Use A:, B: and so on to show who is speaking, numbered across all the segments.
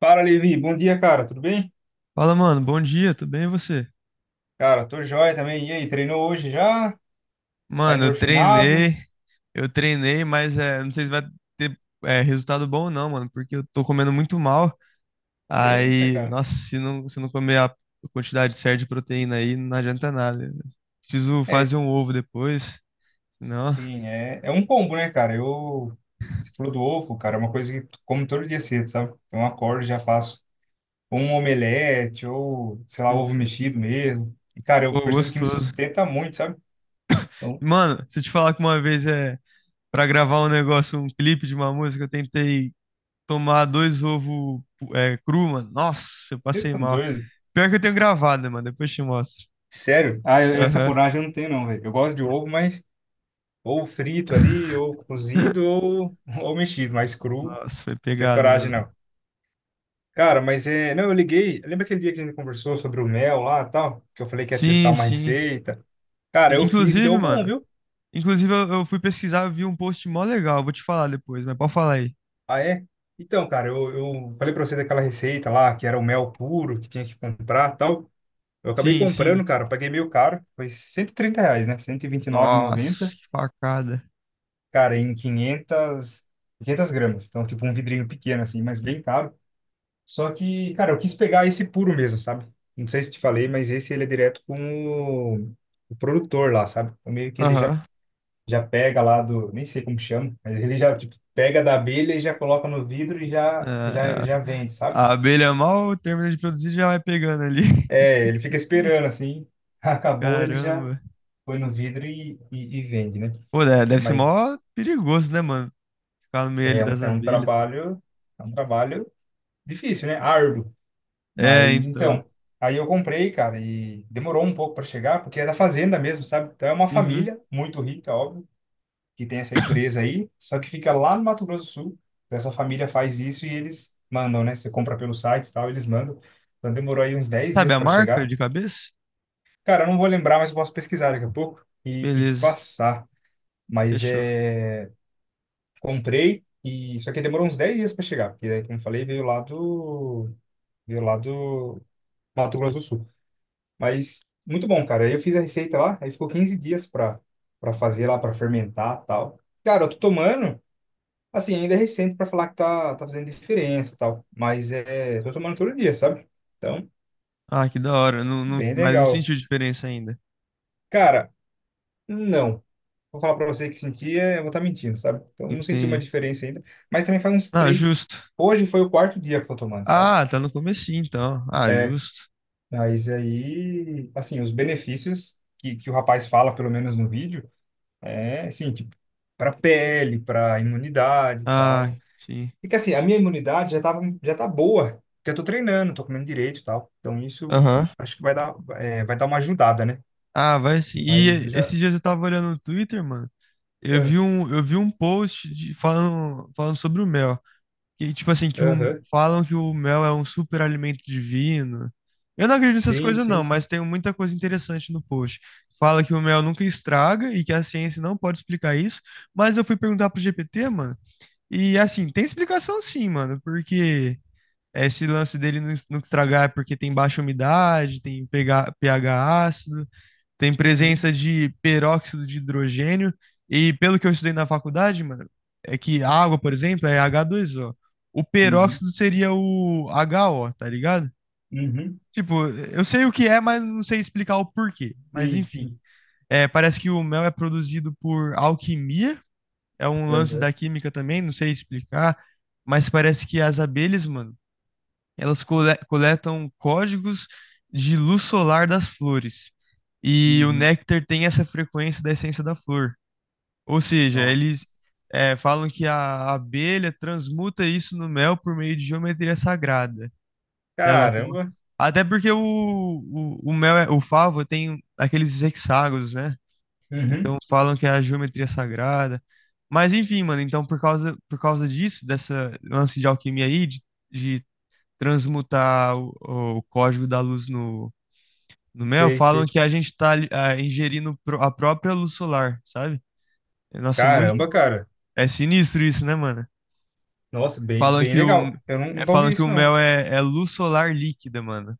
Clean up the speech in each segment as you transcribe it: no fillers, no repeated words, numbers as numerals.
A: Fala, Levi. Bom dia, cara. Tudo bem?
B: Fala, mano, bom dia, tudo bem e você?
A: Cara, tô joia também. E aí, treinou hoje já? Tá
B: Mano, eu
A: endorfinado?
B: treinei, mas não sei se vai ter resultado bom ou não, mano, porque eu tô comendo muito mal.
A: Eita,
B: Aí,
A: cara.
B: nossa, se não comer a quantidade certa de proteína aí, não adianta nada, né? Preciso
A: É,
B: fazer um ovo depois, senão.
A: sim, é um combo, né, cara? Eu. Você falou do ovo, cara, é uma coisa que tu como todo dia cedo, sabe? Então, eu acordo e já faço um omelete ou, sei lá, ovo
B: Uhum.
A: mexido mesmo. E, cara, eu
B: Pô,
A: percebo que me
B: gostoso.
A: sustenta muito, sabe? Então,
B: Mano, se eu te falar que uma vez pra gravar um negócio, um clipe de uma música, eu tentei tomar dois ovos cru, mano. Nossa, eu
A: você
B: passei
A: tá
B: mal.
A: doido?
B: Pior que eu tenho gravado, mano. Depois eu te mostro.
A: Sério? Ah, essa
B: Aham.
A: coragem eu não tenho, não, velho. Eu gosto de ovo, mas. Ou frito ali, ou cozido, ou, ou mexido, mas cru.
B: Nossa, foi
A: Ter
B: pegado,
A: coragem,
B: mano.
A: não. Cara, mas é. Não, eu liguei. Lembra aquele dia que a gente conversou sobre o mel lá e tal? Que eu falei que ia testar
B: Sim,
A: uma
B: sim.
A: receita. Cara, eu fiz e
B: Inclusive,
A: deu bom,
B: mano.
A: viu?
B: Inclusive, eu fui pesquisar, eu vi um post mó legal. Vou te falar depois, mas pode falar aí.
A: Ah, é? Então, cara, eu falei pra você daquela receita lá, que era o mel puro, que tinha que comprar e tal. Eu acabei
B: Sim, sim.
A: comprando, cara, eu paguei meio caro. Foi 130 reais, né? Cento e vinte e nove e
B: Nossa,
A: noventa.
B: que facada.
A: Cara, em quinhentas gramas. Então, tipo, um vidrinho pequeno, assim, mas bem caro. Só que, cara, eu quis pegar esse puro mesmo, sabe? Não sei se te falei, mas esse ele é direto com o, o produtor lá, sabe? Então, meio que ele já,
B: Aham.
A: já pega lá do, nem sei como chama, mas ele já tipo, pega da abelha e já coloca no vidro e
B: É,
A: já, já,
B: é,
A: já vende, sabe?
B: a abelha mal termina de produzir e já vai pegando ali.
A: É, ele fica esperando assim, acabou, ele já
B: Caramba.
A: põe no vidro e vende, né?
B: Pô, né, deve ser
A: Mas
B: mó perigoso, né, mano? Ficar no meio ali
A: é um,
B: das
A: é um
B: abelhas.
A: trabalho, é um trabalho difícil, né? Árduo.
B: É,
A: Mas
B: então.
A: então, aí eu comprei, cara, e demorou um pouco para chegar, porque é da fazenda mesmo, sabe? Então é uma
B: Uhum.
A: família muito rica, óbvio, que tem essa empresa aí, só que fica lá no Mato Grosso do Sul. Então, essa família faz isso e eles mandam, né? Você compra pelo site e tal, eles mandam. Então demorou aí uns 10
B: Sabe
A: dias
B: a
A: para
B: marca
A: chegar.
B: de cabeça?
A: Cara, eu não vou lembrar, mas eu posso pesquisar daqui a pouco e te
B: Beleza,
A: passar. Mas
B: fechou.
A: é. Comprei e só que demorou uns 10 dias para chegar, porque daí, como eu falei, veio lá do. Veio lá do Mato Grosso do Sul. Mas muito bom, cara. Aí eu fiz a receita lá, aí ficou 15 dias pra, fazer lá, pra fermentar e tal. Cara, eu tô tomando, assim, ainda é recente pra falar que tá fazendo diferença e tal. Mas é, tô tomando todo dia, sabe? Então,
B: Ah, que da hora. Não, não,
A: bem
B: mas não
A: legal.
B: sentiu diferença ainda.
A: Cara, não. Vou falar pra você que senti, é, eu vou estar mentindo, sabe? Então, não senti uma
B: Entende?
A: diferença ainda. Mas também faz uns
B: Ah,
A: três.
B: justo.
A: Hoje foi o quarto dia que eu tô tomando, sabe?
B: Ah, tá no comecinho, então. Ah,
A: É,
B: justo.
A: mas aí, assim, os benefícios que o rapaz fala, pelo menos no vídeo. É, assim, tipo, para pele, para imunidade e
B: Ah,
A: tal.
B: sim.
A: E que assim, a minha imunidade já tava, já tá boa, porque eu tô treinando, tô comendo direito e tal. Então isso
B: Aham.
A: acho que vai dar, é, vai dar uma ajudada, né?
B: Ah, vai sim.
A: Mas
B: E
A: eu já.
B: esses dias eu tava olhando no Twitter, mano.
A: Ah,
B: Eu vi um post de, falando, falando sobre o mel. Que, tipo assim, que o-
A: aham.
B: falam que o mel é um super alimento divino. Eu não acredito nessas
A: Sim,
B: coisas, não,
A: sim.
B: mas tem muita coisa interessante no post. Fala que o mel nunca estraga e que a ciência não pode explicar isso. Mas eu fui perguntar pro GPT, mano, e assim, tem explicação sim, mano, porque esse lance dele não es- nunca estragar é porque tem baixa umidade, tem pH, pH ácido, tem
A: Uhum.
B: presença de peróxido de hidrogênio. E pelo que eu estudei na faculdade, mano, é que a água, por exemplo, é H2O. O
A: Uhum.
B: peróxido seria o HO, tá ligado?
A: Uhum.
B: Tipo, eu sei o que é, mas não sei explicar o porquê. Mas
A: Sim,
B: enfim,
A: sim.
B: parece que o mel é produzido por alquimia. É um lance da
A: Aham.
B: química também, não sei explicar. Mas parece que as abelhas, mano, elas cole- coletam códigos de luz solar das flores. E o
A: Uhum.
B: néctar tem essa frequência da essência da flor. Ou seja, eles
A: Nossa.
B: falam que a abelha transmuta isso no mel por meio de geometria sagrada. É louco, não?
A: Caramba.
B: Até porque o mel, é- o favo tem aqueles hexágonos, né?
A: Uhum.
B: Então falam que é a geometria sagrada. Mas enfim, mano, então por causa disso, dessa lance de alquimia aí, de transmutar o código da luz no mel,
A: Sei,
B: falam
A: sei.
B: que a gente está ingerindo pro- a própria luz solar, sabe? Nossa, é muito.
A: Caramba, cara.
B: É sinistro isso, né, mano?
A: Nossa, bem,
B: Falam
A: bem
B: que
A: legal. Eu nunca ouvi
B: falam que o
A: isso, não.
B: mel é, é luz solar líquida, mano.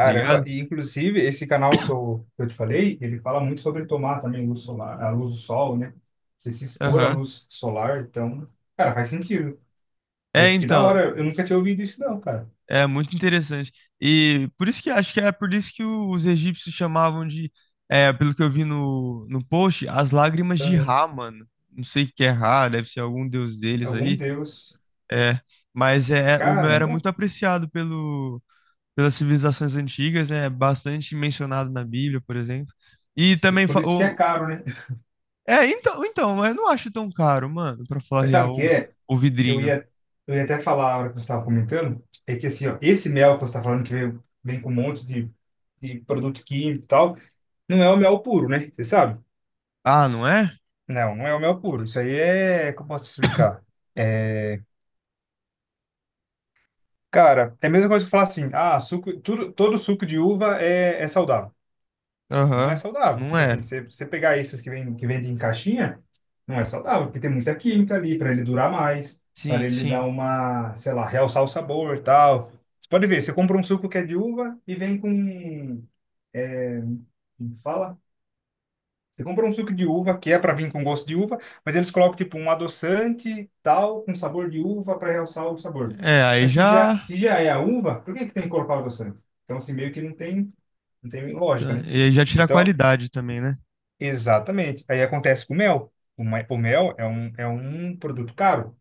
B: Tá ligado?
A: e inclusive esse canal que eu te falei, ele fala muito sobre tomar também luz solar, a luz do sol, né? Você se expor à
B: Aham.
A: luz solar, então, cara, faz sentido.
B: É,
A: Mas que da
B: então.
A: hora, eu nunca tinha ouvido isso não, cara.
B: É muito interessante. E por isso que acho que é por isso que o- os egípcios chamavam de. É, pelo que eu vi no, no post, as lágrimas de
A: Ah,
B: Ra, mano. Não sei o que é Ra, deve ser algum deus deles
A: algum
B: aí.
A: deus.
B: É, o meu era
A: Caramba,
B: muito apreciado pelo, pelas civilizações antigas, é bastante mencionado na Bíblia, por exemplo. E também,
A: por
B: fa-
A: isso que é
B: o-
A: caro, né?
B: é, então, então, eu não acho tão caro, mano, pra falar
A: Mas sabe o
B: real,
A: que é?
B: o
A: Eu
B: vidrinho.
A: ia, eu ia até falar a hora que você estava comentando, é que assim, ó, esse mel que você está falando que vem com um monte de produto químico e tal, não é o mel puro, né? Você sabe?
B: Ah, não é?
A: Não, não é o mel puro. Isso aí é. Como posso explicar? É, cara, é a mesma coisa que falar assim: ah, suco, tudo, todo suco de uva é saudável. Não é
B: Aham,
A: saudável.
B: não
A: Tipo
B: é.
A: assim, você pegar esses que, vem, que vendem em caixinha, não é saudável, porque tem muita química ali para ele durar mais, para
B: Sim,
A: ele dar
B: sim.
A: uma, sei lá, realçar o sabor e tal. Você pode ver, você compra um suco que é de uva e vem com. É, como fala? Você compra um suco de uva, que é para vir com gosto de uva, mas eles colocam tipo um adoçante, tal, com sabor de uva para realçar o sabor.
B: É, aí
A: Mas se
B: já,
A: já, se já é a uva, por que que tem que colocar o adoçante? Então, assim, meio que não tem lógica,
B: tá,
A: né?
B: e aí já tira a
A: Então,
B: qualidade também, né?
A: exatamente. Aí acontece com o mel. O mel é um produto caro.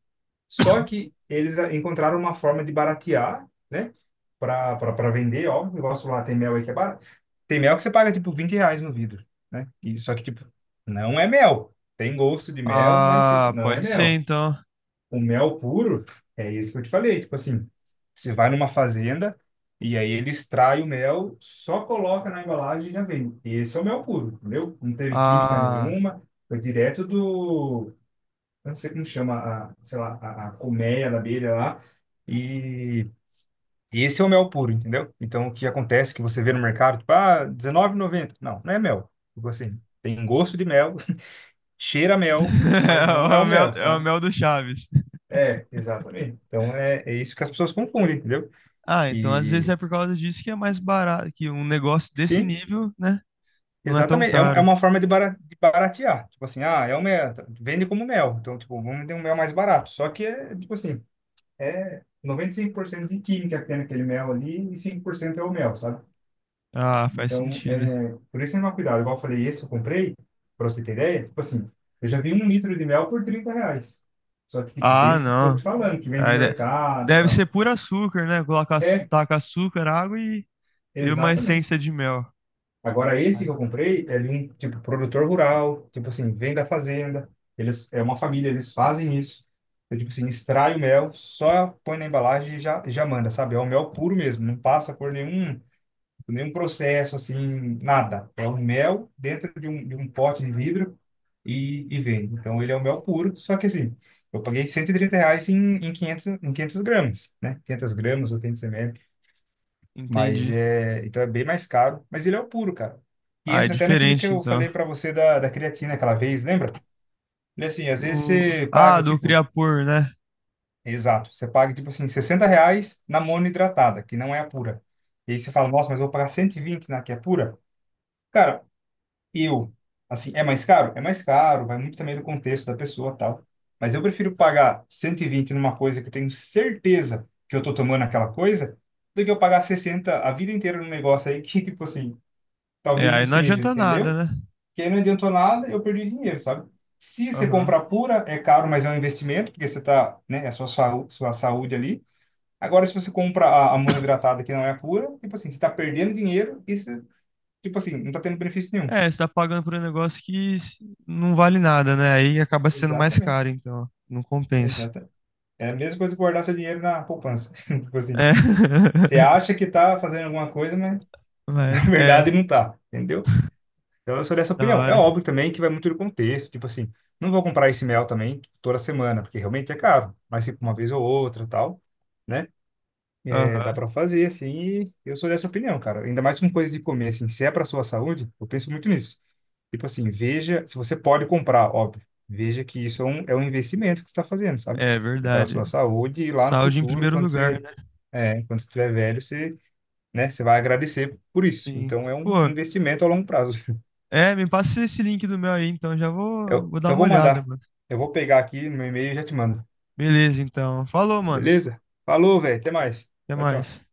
A: Só que eles encontraram uma forma de baratear, né? Para vender, ó. O negócio lá tem mel aí que é barato. Tem mel que você paga tipo 20 reais no vidro, né? E, só que, tipo, não é mel. Tem gosto de mel, mas, tipo,
B: Ah,
A: não é
B: pode ser
A: mel.
B: então.
A: O mel puro é isso que eu te falei. Tipo assim, você vai numa fazenda e aí ele extrai o mel, só coloca na embalagem e já vem. Esse é o mel puro, entendeu? Não teve química
B: Ah,
A: nenhuma, foi direto do. Eu não sei como chama, a, sei lá, a colmeia da abelha lá. E esse é o mel puro, entendeu? Então, o que acontece é que você vê no mercado, tipo, ah, dezenove e noventa. Não, não é mel. Tipo assim, tem gosto de mel, cheira a mel, mas
B: é
A: não é o mel,
B: é o
A: sabe?
B: mel do Chaves.
A: É, exatamente. Então, é isso que as pessoas confundem, entendeu?
B: Ah, então às vezes
A: E,
B: é por causa disso que é mais barato, que um negócio desse
A: sim,
B: nível, né, não é tão
A: exatamente. É uma, é
B: caro.
A: uma forma de baratear. Tipo assim, é o mel, tá, vende como mel. Então, tipo, vamos ter um mel mais barato. Só que é, tipo assim, é 95% de química que tem naquele mel ali e 5% é o mel, sabe?
B: Ah, faz
A: Então,
B: sentido.
A: é, por isso é tomar cuidado. Igual eu falei, esse eu comprei, pra você ter ideia, tipo assim, eu já vi um litro de mel por 30 reais. Só que, tipo,
B: Ah,
A: desse que eu tô te
B: não.
A: falando, que vem de
B: Aí de-
A: mercado e
B: deve ser
A: tal.
B: puro açúcar, né? Colocar, açu-
A: É,
B: taca açúcar, água e uma
A: exatamente.
B: essência de mel.
A: Agora, esse
B: Ah,
A: que eu comprei é de um, tipo, produtor rural, tipo assim, vem da fazenda, eles, é uma família, eles fazem isso. Então, tipo assim, extrai o mel, só põe na embalagem e já manda, sabe? É o mel puro mesmo, não passa cor nenhum, nenhum processo assim, nada. É um mel dentro de um pote de vidro e vende. Então ele é o mel puro, só que assim, eu paguei 130 reais em, 500, em 500 gramas, né? 500 gramas ou 500 ml, mas
B: entendi.
A: é, então é bem mais caro, mas ele é o puro, cara. E
B: Ah, é
A: entra até naquilo que
B: diferente
A: eu
B: então.
A: falei para você da creatina aquela vez, lembra? E assim, às vezes
B: O...
A: você
B: Ah,
A: paga
B: do
A: tipo,
B: Creapure, né?
A: exato, você paga tipo assim, 60 reais na monohidratada, que não é a pura. E aí você fala, nossa, mas eu vou pagar 120 na que é pura? Cara, eu, assim, é mais caro? É mais caro, vai muito também do contexto da pessoa, tal. Mas eu prefiro pagar 120 numa coisa que eu tenho certeza que eu tô tomando aquela coisa, do que eu pagar 60 a vida inteira num negócio aí que, tipo assim,
B: É,
A: talvez
B: aí
A: não
B: não
A: seja,
B: adianta
A: entendeu?
B: nada, né?
A: Que aí não adiantou nada, eu perdi dinheiro, sabe? Se você
B: Aham.
A: comprar pura, é caro, mas é um investimento, porque você tá, né, é a sua, sua saúde ali. Agora, se você compra a monoidratada que não é pura, tipo assim, você tá perdendo dinheiro e você, tipo assim, não tá tendo benefício nenhum.
B: É, você tá pagando por um negócio que s- não vale nada, né? Aí acaba sendo mais
A: Exatamente.
B: caro, então. Não compensa.
A: Exata É a mesma coisa que guardar seu dinheiro na poupança. Tipo assim,
B: É.
A: você acha que tá fazendo alguma coisa, mas
B: Vai,
A: na
B: é,
A: verdade não tá, entendeu? Então eu sou dessa
B: da
A: opinião. É
B: hora.
A: óbvio também que vai muito do contexto, tipo assim, não vou comprar esse mel também toda semana, porque realmente é caro, mas tipo uma vez ou outra, tal, né? É,
B: Aham,
A: dá pra fazer assim, e eu sou dessa opinião, cara. Ainda mais com coisas de comer assim, se é pra sua saúde, eu penso muito nisso. Tipo assim, veja, se você pode comprar, óbvio, veja que isso é um investimento que você está fazendo, sabe?
B: é
A: É para a
B: verdade.
A: sua saúde e lá no
B: Saúde em
A: futuro,
B: primeiro
A: quando
B: lugar,
A: você
B: né?
A: é, quando você estiver velho, você, né, você vai agradecer por isso.
B: Sim.
A: Então, é um
B: Pô,
A: investimento a longo prazo.
B: me passa esse link do meu aí, então já vou,
A: Eu,
B: vou dar
A: eu
B: uma
A: vou
B: olhada,
A: mandar.
B: mano.
A: Eu vou pegar aqui no meu e-mail e já te mando.
B: Beleza, então. Falou, mano.
A: Beleza? Falou, velho. Até mais.
B: Até
A: Tchau, tchau.
B: mais.